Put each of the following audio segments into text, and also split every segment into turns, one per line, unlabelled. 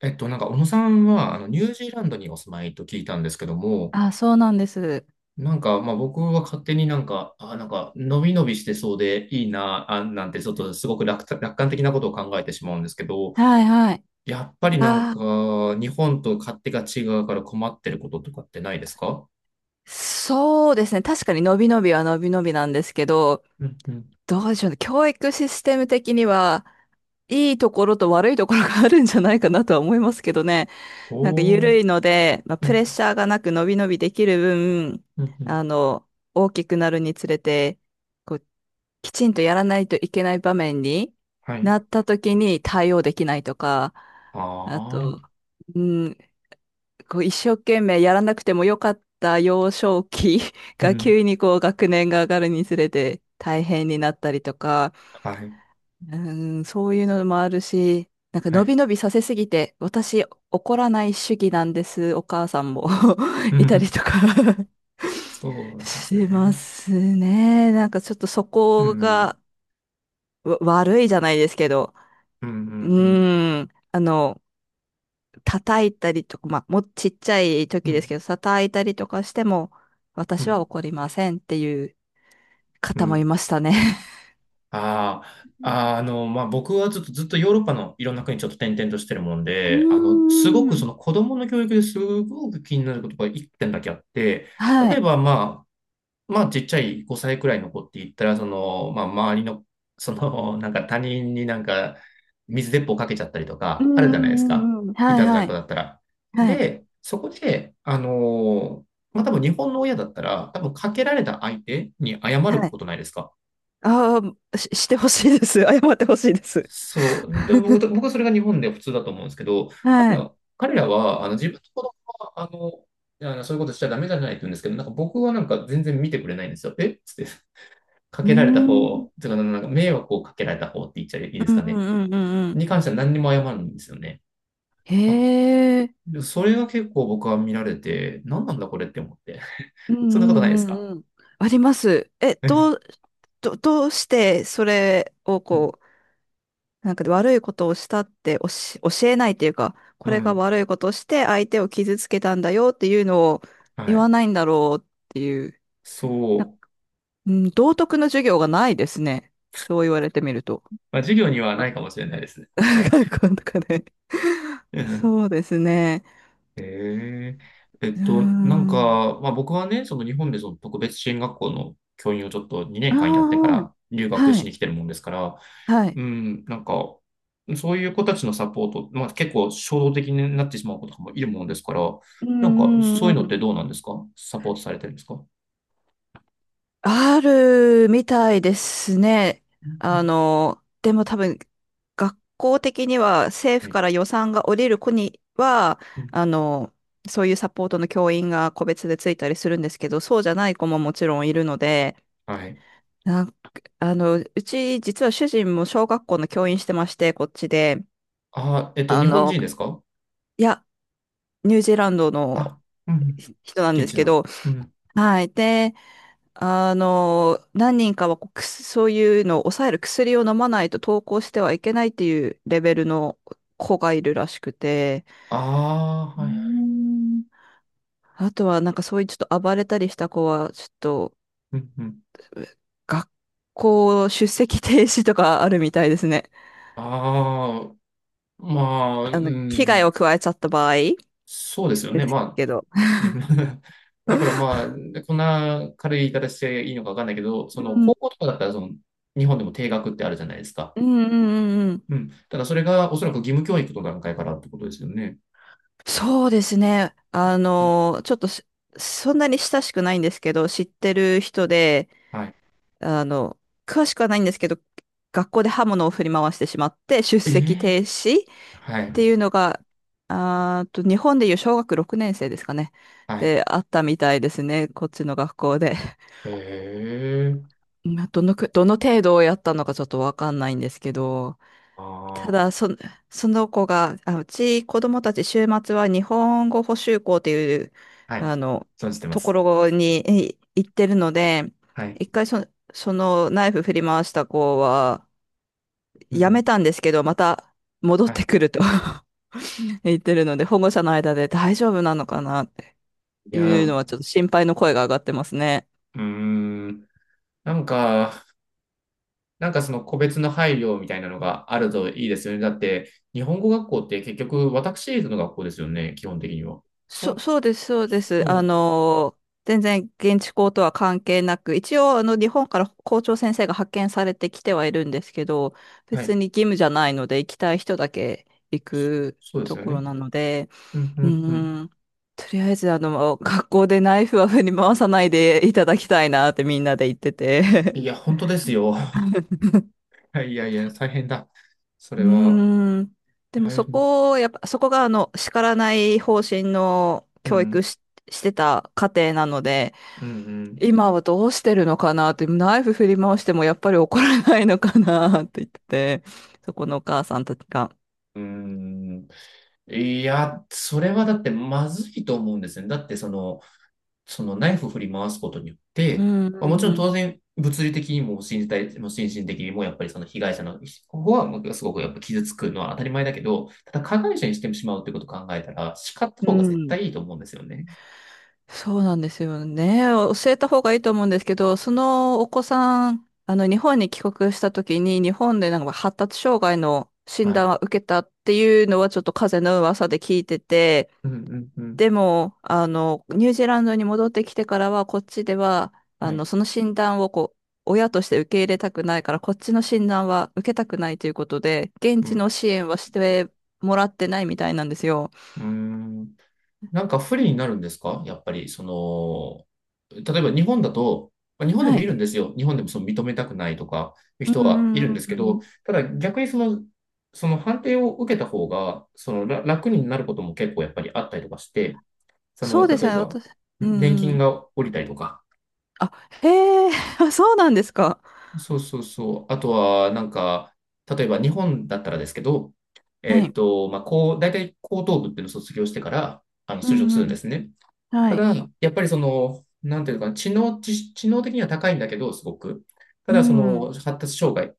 小野さんは、ニュージーランドにお住まいと聞いたんですけども、
あ、そうなんです。
まあ、僕は勝手にのびのびしてそうでいいなあ、なんて、ちょっとすごく楽観的なことを考えてしまうんですけど、
はいはい。
やっぱり
あー、
日本と勝手が違うから困ってることとかってないですか？
そうですね。確かに伸び伸びは伸び伸びなんですけど、
うん、うん。
どうでしょうね。教育システム的には、いいところと悪いところがあるんじゃないかなとは思いますけどね。なんか
お
緩
ー。
いので、まあ、
う
プレッ
ん、
シャーがなく伸び伸びできる分、
うん、うん。
あの、大きくなるにつれて、こう、きちんとやらないといけない場面に
はい。
なった時に対応できないとか、あ
ああ。
と、うん、こう一生懸命やらなくてもよかった幼少期
う
が
ん。
急にこう学年が上がるにつれて大変になったりとか、
はい。
うん、そういうのもあるし、なんか
は
伸
い。
び伸びさせすぎて、私怒らない主義なんです、お母さんも
う
いたり
ん。
とか
そうな んです
しま
ね。
すね。なんかちょっとそ
う
こ
ん。
が悪いじゃないですけど、
うん、う
う
ん、うん。
ん、叩いたりとか、まあ、もうちっちゃい
う
時です
ん、
けど、叩いたりとかしても、
う
私は
ん。
怒りませんっていう
う
方もい
ん。
ましたね。
ああ、あ
う
の、まあ、僕はずっと、ずっとヨーロッパのいろんな国ちょっと転々としてるもんで、あの、すご
んう
く
ーん。
その子供の教育ですごく気になることが一点だけあって、
は
例え
い。
ば、まあ、ちっちゃい5歳くらいの子って言ったら、その、まあ、周りの、その、なんか他人になんか水鉄砲かけちゃったりと
う
か、ある
んう
じゃないですか。
んうんうん。
い
はい
たずら
は
っ子
い。
だったら。
はい。
で、そこで、まあ、多分日本の親だったら、多分かけられた相手に謝る
はい。
ことないですか？
ああ、してほしいです。謝ってほしいです。
そう。で、僕はそれが日本で普通だと思うんですけど、
はい。
彼らは、あの、自分の子供は、あの、そういうことしちゃダメじゃないって言うんですけど、なんか僕はなんか全然見てくれないんですよ。えっつって、か
うー
けられた
ん。
方、つうか、なんか迷惑をかけられた方って言っちゃいいで
う
す
ん
か
う
ね。
んうんうんうん。
に関しては何にも謝るんですよね。
へ
あ。
え。
でそれが結構僕は見られて、何なんだこれって思って。
うん
そんなことないで
う
す
んう
か？
んうん。あります。え、
う
ど
ん、
う、ど、どうしてそれをなんか悪いことをしたって教えないっていうか、
う
これが
ん。
悪いことをして相手を傷つけたんだよっていうのを
は
言
い。
わないんだろうっていう、
そう。
うん、道徳の授業がないですね。そう言われてみると。
まあ、授業には
あ
ないかもしれないですね。確かに。
学校とかで
うん。
そうですね。
へえ。
うーん。
まあ、僕はね、その日本でその特別支援学校の教員をちょっと2
あ
年間やってから留
あ、
学
は
しに
い。
来てるもんですから、
はい。は
う
い。
ん、なんか、そういう子たちのサポート、まあ、結構衝動的になってしまう子とかもいるもんですから、
う
なんか、そう
んうんう
いうのっ
ん。
てどうなんですか？サポートされてるんですか？
あるみたいですね。でも多分、学校的には政
うん、
府
はい。
から予算が下りる子には、
うん、
あの、そういうサポートの教員が個別でついたりするんですけど、そうじゃない子ももちろんいるので、
はい。
なんあの、うち実は主人も小学校の教員してまして、こっちで、
あー、えっと、
あ
日本
の、
人ですか？
いや、ニュージーランドの
あ、うん。
人なんで
現
す
地
け
の。
ど、
うん。
はい。で、あの、何人かはこうくすそういうのを抑える薬を飲まないと登校してはいけないっていうレベルの子がいるらしくて、
ああ、
うー
はい、はい。
ん、あとはなんかそういうちょっと暴れたりした子は、ちょっと
うん、うん。
学校出席停止とかあるみたいですね。
ああ、まあ、う
あの、危害
ん。
を加えちゃった場合
そうですよ
で
ね。
す
まあ、
けど。
うん。 だからまあ、こんな軽い言い方していいのかわかんないけど、その
うん
高校とかだったらその日本でも定額ってあるじゃないですか。
うんうんうんうん。
うん。ただそれがおそらく義務教育の段階からってことですよね。
そうですね。あ
うん。
の、ちょっとしそんなに親しくないんですけど、知ってる人で、
はい。
あの、詳しくはないんですけど、学校で刃物を振り回してしまって出
え
席停
え。
止っ
は
て
い。
いうのが、あーと、日本でいう小学6年生ですかね。
はい。
で、あったみたいですね。こっちの学校で。
ええ。
どの程度をやったのかちょっとわかんないんですけど、た
あ
だ、
あ。
そ、その子が、うち子供たち週末は日本語補習校っていう、
はい。
あの、
存じてま
とこ
す。
ろに行ってるので、
はい。
一回そ、そのナイフ振り回した子は、
うん、う
やめ
ん。
たんですけど、また戻っ
は
て
い。
くると 言ってるので、保護者の間で大丈夫なのかなって
いや、
いうの
う
はちょっと心配の声が上がってますね。
ーん。なんか、なんかその個別の配慮みたいなのがあるといいですよね。だって、日本語学校って結局、私立の学校ですよね、基本的には。その、
そうです、そうです。あ
そ
の、全然現地校とは関係なく、一応あの日本から校長先生が派遣されてきてはいるんですけど、
う、は
別
い、
に義務じゃないので、行きたい人だけ行く
そうです
と
よ
ころ
ね。
なので、
うん、う
う
ん、うん。
ーん、とりあえずあの、学校でナイフは振り回さないでいただきたいなってみんなで言ってて
いや、本当ですよ。はい、いやいや、大変だ。そ
う
れは、
ーん。で
は
も
い、
そ
うん、
こを、やっぱ、そこがあの、叱らない方針の
う
教育
ん、
し、してた家庭なので、
うん。
今はどうしてるのかなって、ナイフ振り回してもやっぱり怒らないのかなって言ってて、そこのお母さんたちが。
うーん。いや、それはだってまずいと思うんですよね。だってその、そのナイフを振り回すことによっ
う
て、
ん
まあ、もちろ
う
ん当
ん
然物理的にも身体、心身的にもやっぱりその被害者の、ここはすごくやっぱ傷つくのは当たり前だけど、ただ加害者にしてしまうということを考えたら、叱った
う
方が
ん。
絶
うん、
対いいと思うんですよね。
そうなんですよね。教えた方がいいと思うんですけど、そのお子さん、あの、日本に帰国した時に、日本でなんか発達障害の診
はい。
断は受けたっていうのはちょっと風の噂で聞いてて、
うん、うん、うん。
でも、あの、ニュージーランドに戻ってきてからは、こっちでは、
はい。
その診断をこう、親として受け入れたくないから、こっちの診断は受けたくないということで、現
う
地の
ん。
支援はしてもらってないみたいなんですよ。
うーん。なんか不利になるんですか、やっぱり？その、例えば日本だと、まあ日本で
は
もいるんで
い。
すよ。日本でもその認めたくないとかいう
う
人は
ん
い
う
るんで
ん
す
うん
け
う
ど、
ん。
ただ逆にその、その判定を受けた方が、そのら楽になることも結構やっぱりあったりとかして、そ
そ
の、
うです
例え
よね、
ば、
私。うん
年
う
金
ん。
が下りたりとか、
あ、へえ、あ、そうなんですか。
そう、そう、そう。あとは、なんか、例えば日本だったらですけど、え
は
っ
い。
と、まあ、こう、大体高等部っていうのを卒業してから、あの、
う
就職
ん
するん
う
で
ん。
すね。
は
た
い。
だ、やっぱりその、なんていうか知能的には高いんだけど、すごく。た
う
だ、そ
んうん。
の、発達障害、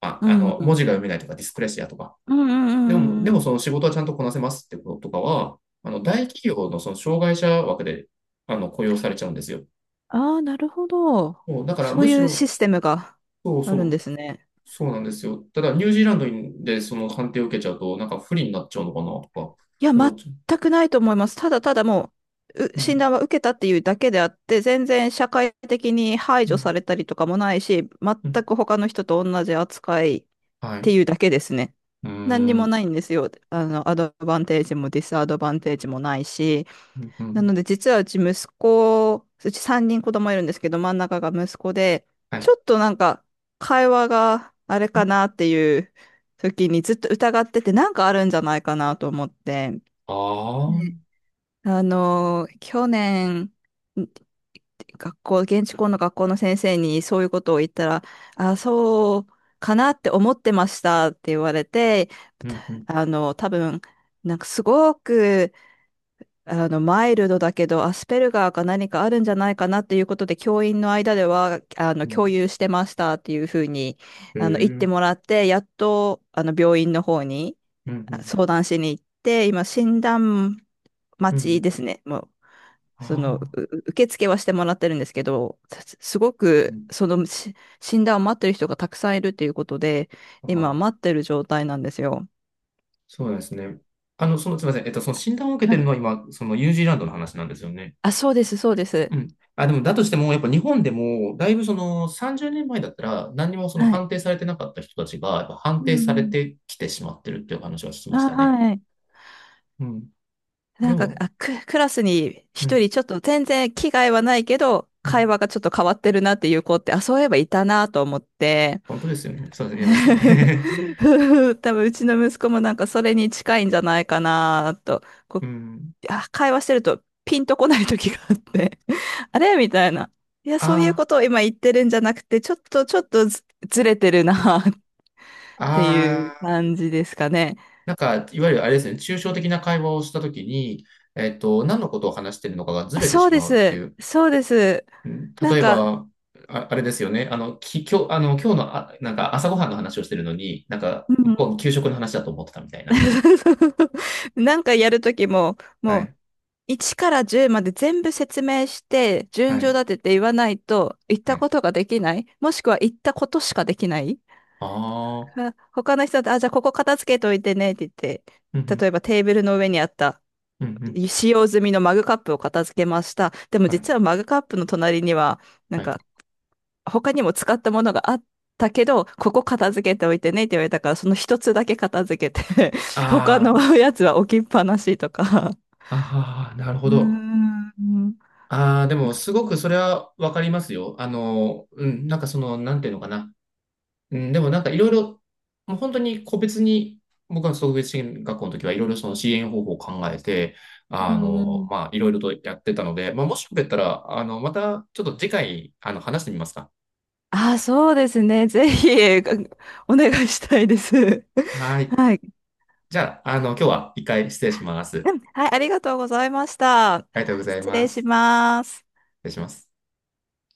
ま
う
あ、あ
ん
の、
う
文
ん。
字が読めないとか、ディスクレシアとか。
うんうんうん
でも、で
うんう
も
ん。
その仕事はちゃんとこなせますってこととかは、あの、大企業のその障害者枠で、あの、雇用されちゃうんですよ。
ああ、なるほど。
もうだから、
そう
むし
いう
ろ、
システムが
そう
ある
そ
んで
う、
すね。
そうなんですよ。ただ、ニュージーランドにでその判定を受けちゃうと、なんか不利になっちゃうのかな、とか、
いや、
思っ
全
ちゃ
くないと思います。ただただもう、う
う。う
診
ん、
断は受けたっていうだけであって、全然社会的に排
う
除さ
ん、
れたりとかもないし、
うん。
全く他の人と同じ扱いっ
はい。
て
う
いうだけですね。
ー
何にも
ん、
ないんですよ。あの、アドバンテージもディスアドバンテージもないし。
うん、う
な
ん。
ので、実はうち息子、うち3人子供いるんですけど、真ん中が息子で、
はい。
ち
あ
ょっとなんか、会話があれかなっていう時にずっと疑ってて、なんかあるんじゃないかなと思って。
あ。
あの、去年、ん学校、現地校の学校の先生にそういうことを言ったら、あ、そうかなって思ってましたって言われて、
うん、うん、
あの、多分、なんかすごく、あの、マイルドだけど、アスペルガーか何かあるんじゃないかなっていうことで、教員の間では、あの、
う
共
ん。
有してましたっていうふうに、
ええ、う
あの、言って
ん。
もらって、やっと、あの、病院の方に
うん、
相談しに行って、今、診断
う
待ち
ん。
ですね。もう
あ
その、う
あ、
受付はしてもらってるんですけど、すすご
う
く、
ん。
その、し診断を待ってる人がたくさんいるっていうことで、
あ
今
あ、
待ってる状態なんですよ。
そうですね。あの、その、すみません。えっと、その診断を受け
は
てる
い。
のは今、そのニュージーランドの話なんですよね。
あ、そうです、そうで
う
す。
ん。あ、でも、だとしても、やっぱ日本でも、だいぶその30年前だったら、何にもその
はい。
判定されてなかった人たちが、やっぱ判
う
定
ん
さ
う
れ
ん。
てきてしまってるっていう話は聞きまし
あ、
たね。
はい。
うん。で
なんか、
も、
クラスに
う
一
ん、
人ちょっと全然気概はないけど、
うん。
会話がちょっと変わってるなっていう子って、あ、そういえばいたなと思って、
本当ですよね。そうです、言え ますね。
多分うちの息子もなんかそれに近いんじゃないかなと、こ
う
う
ん。
会話してるとピンとこない時があって あれみたいな。いや、そういう
あ
ことを今言ってるんじゃなくて、ちょっと、ずれてるな っ
あ、
ていう
ああ。
感じですかね。
なんか、いわゆるあれですね、抽象的な会話をしたときに、えっと、何のことを話しているのかがず
あ、
れて
そう
し
で
まうってい
す。
う。
そうです。
うん。
な
例
ん
え
か、
ば、あ、あれですよね、あの、今日、あの、今日の、あ、なんか朝ごはんの話をしてるのに、なんか、
う
向こ
ん。
う、給食の話だと思ってたみたいな。
なんかやるときも、
は
もう、
い、
1から10まで全部説明して、
は
順序
い、
立てて言わないと、言っ
は
た
い。
ことができない。もしくは言ったことしかできない。
ああ、
まあ、他の人だと、あ、じゃあここ片付けといてねって言って、
うん、う
例
ん、
えばテーブルの上にあった
うん、うん。
使用済みのマグカップを片付けました。でも
はい、
実はマグカップの隣には、なん
はい。
か他にも使ったものがあったけど、ここ片付けておいてねって言われたから、その一つだけ片付けて 他
あ。
のやつは置きっぱなしとか。
ああー、なる
う
ほ
ー
ど。
ん。
ああ、でも、すごくそれはわかりますよ。あの、うん、なんかその、なんていうのかな。うん、でもなんかいろいろ、もう本当に個別に、僕は特別支援学校の時はいろいろその支援方法を考えて、
う
あ
んう
の、
ん。
まあ、いろいろとやってたので、まあ、もしよかったら、あの、またちょっと次回、あの、話してみますか。
あ、そうですね。ぜひ、お願いしたいです。
はい。
はい。
じゃあ、あの、今日は一回失礼します。
うん、はい、ありがとうございました。
ありがとうござい
失
ま
礼
す。
し
失
ます。
礼します。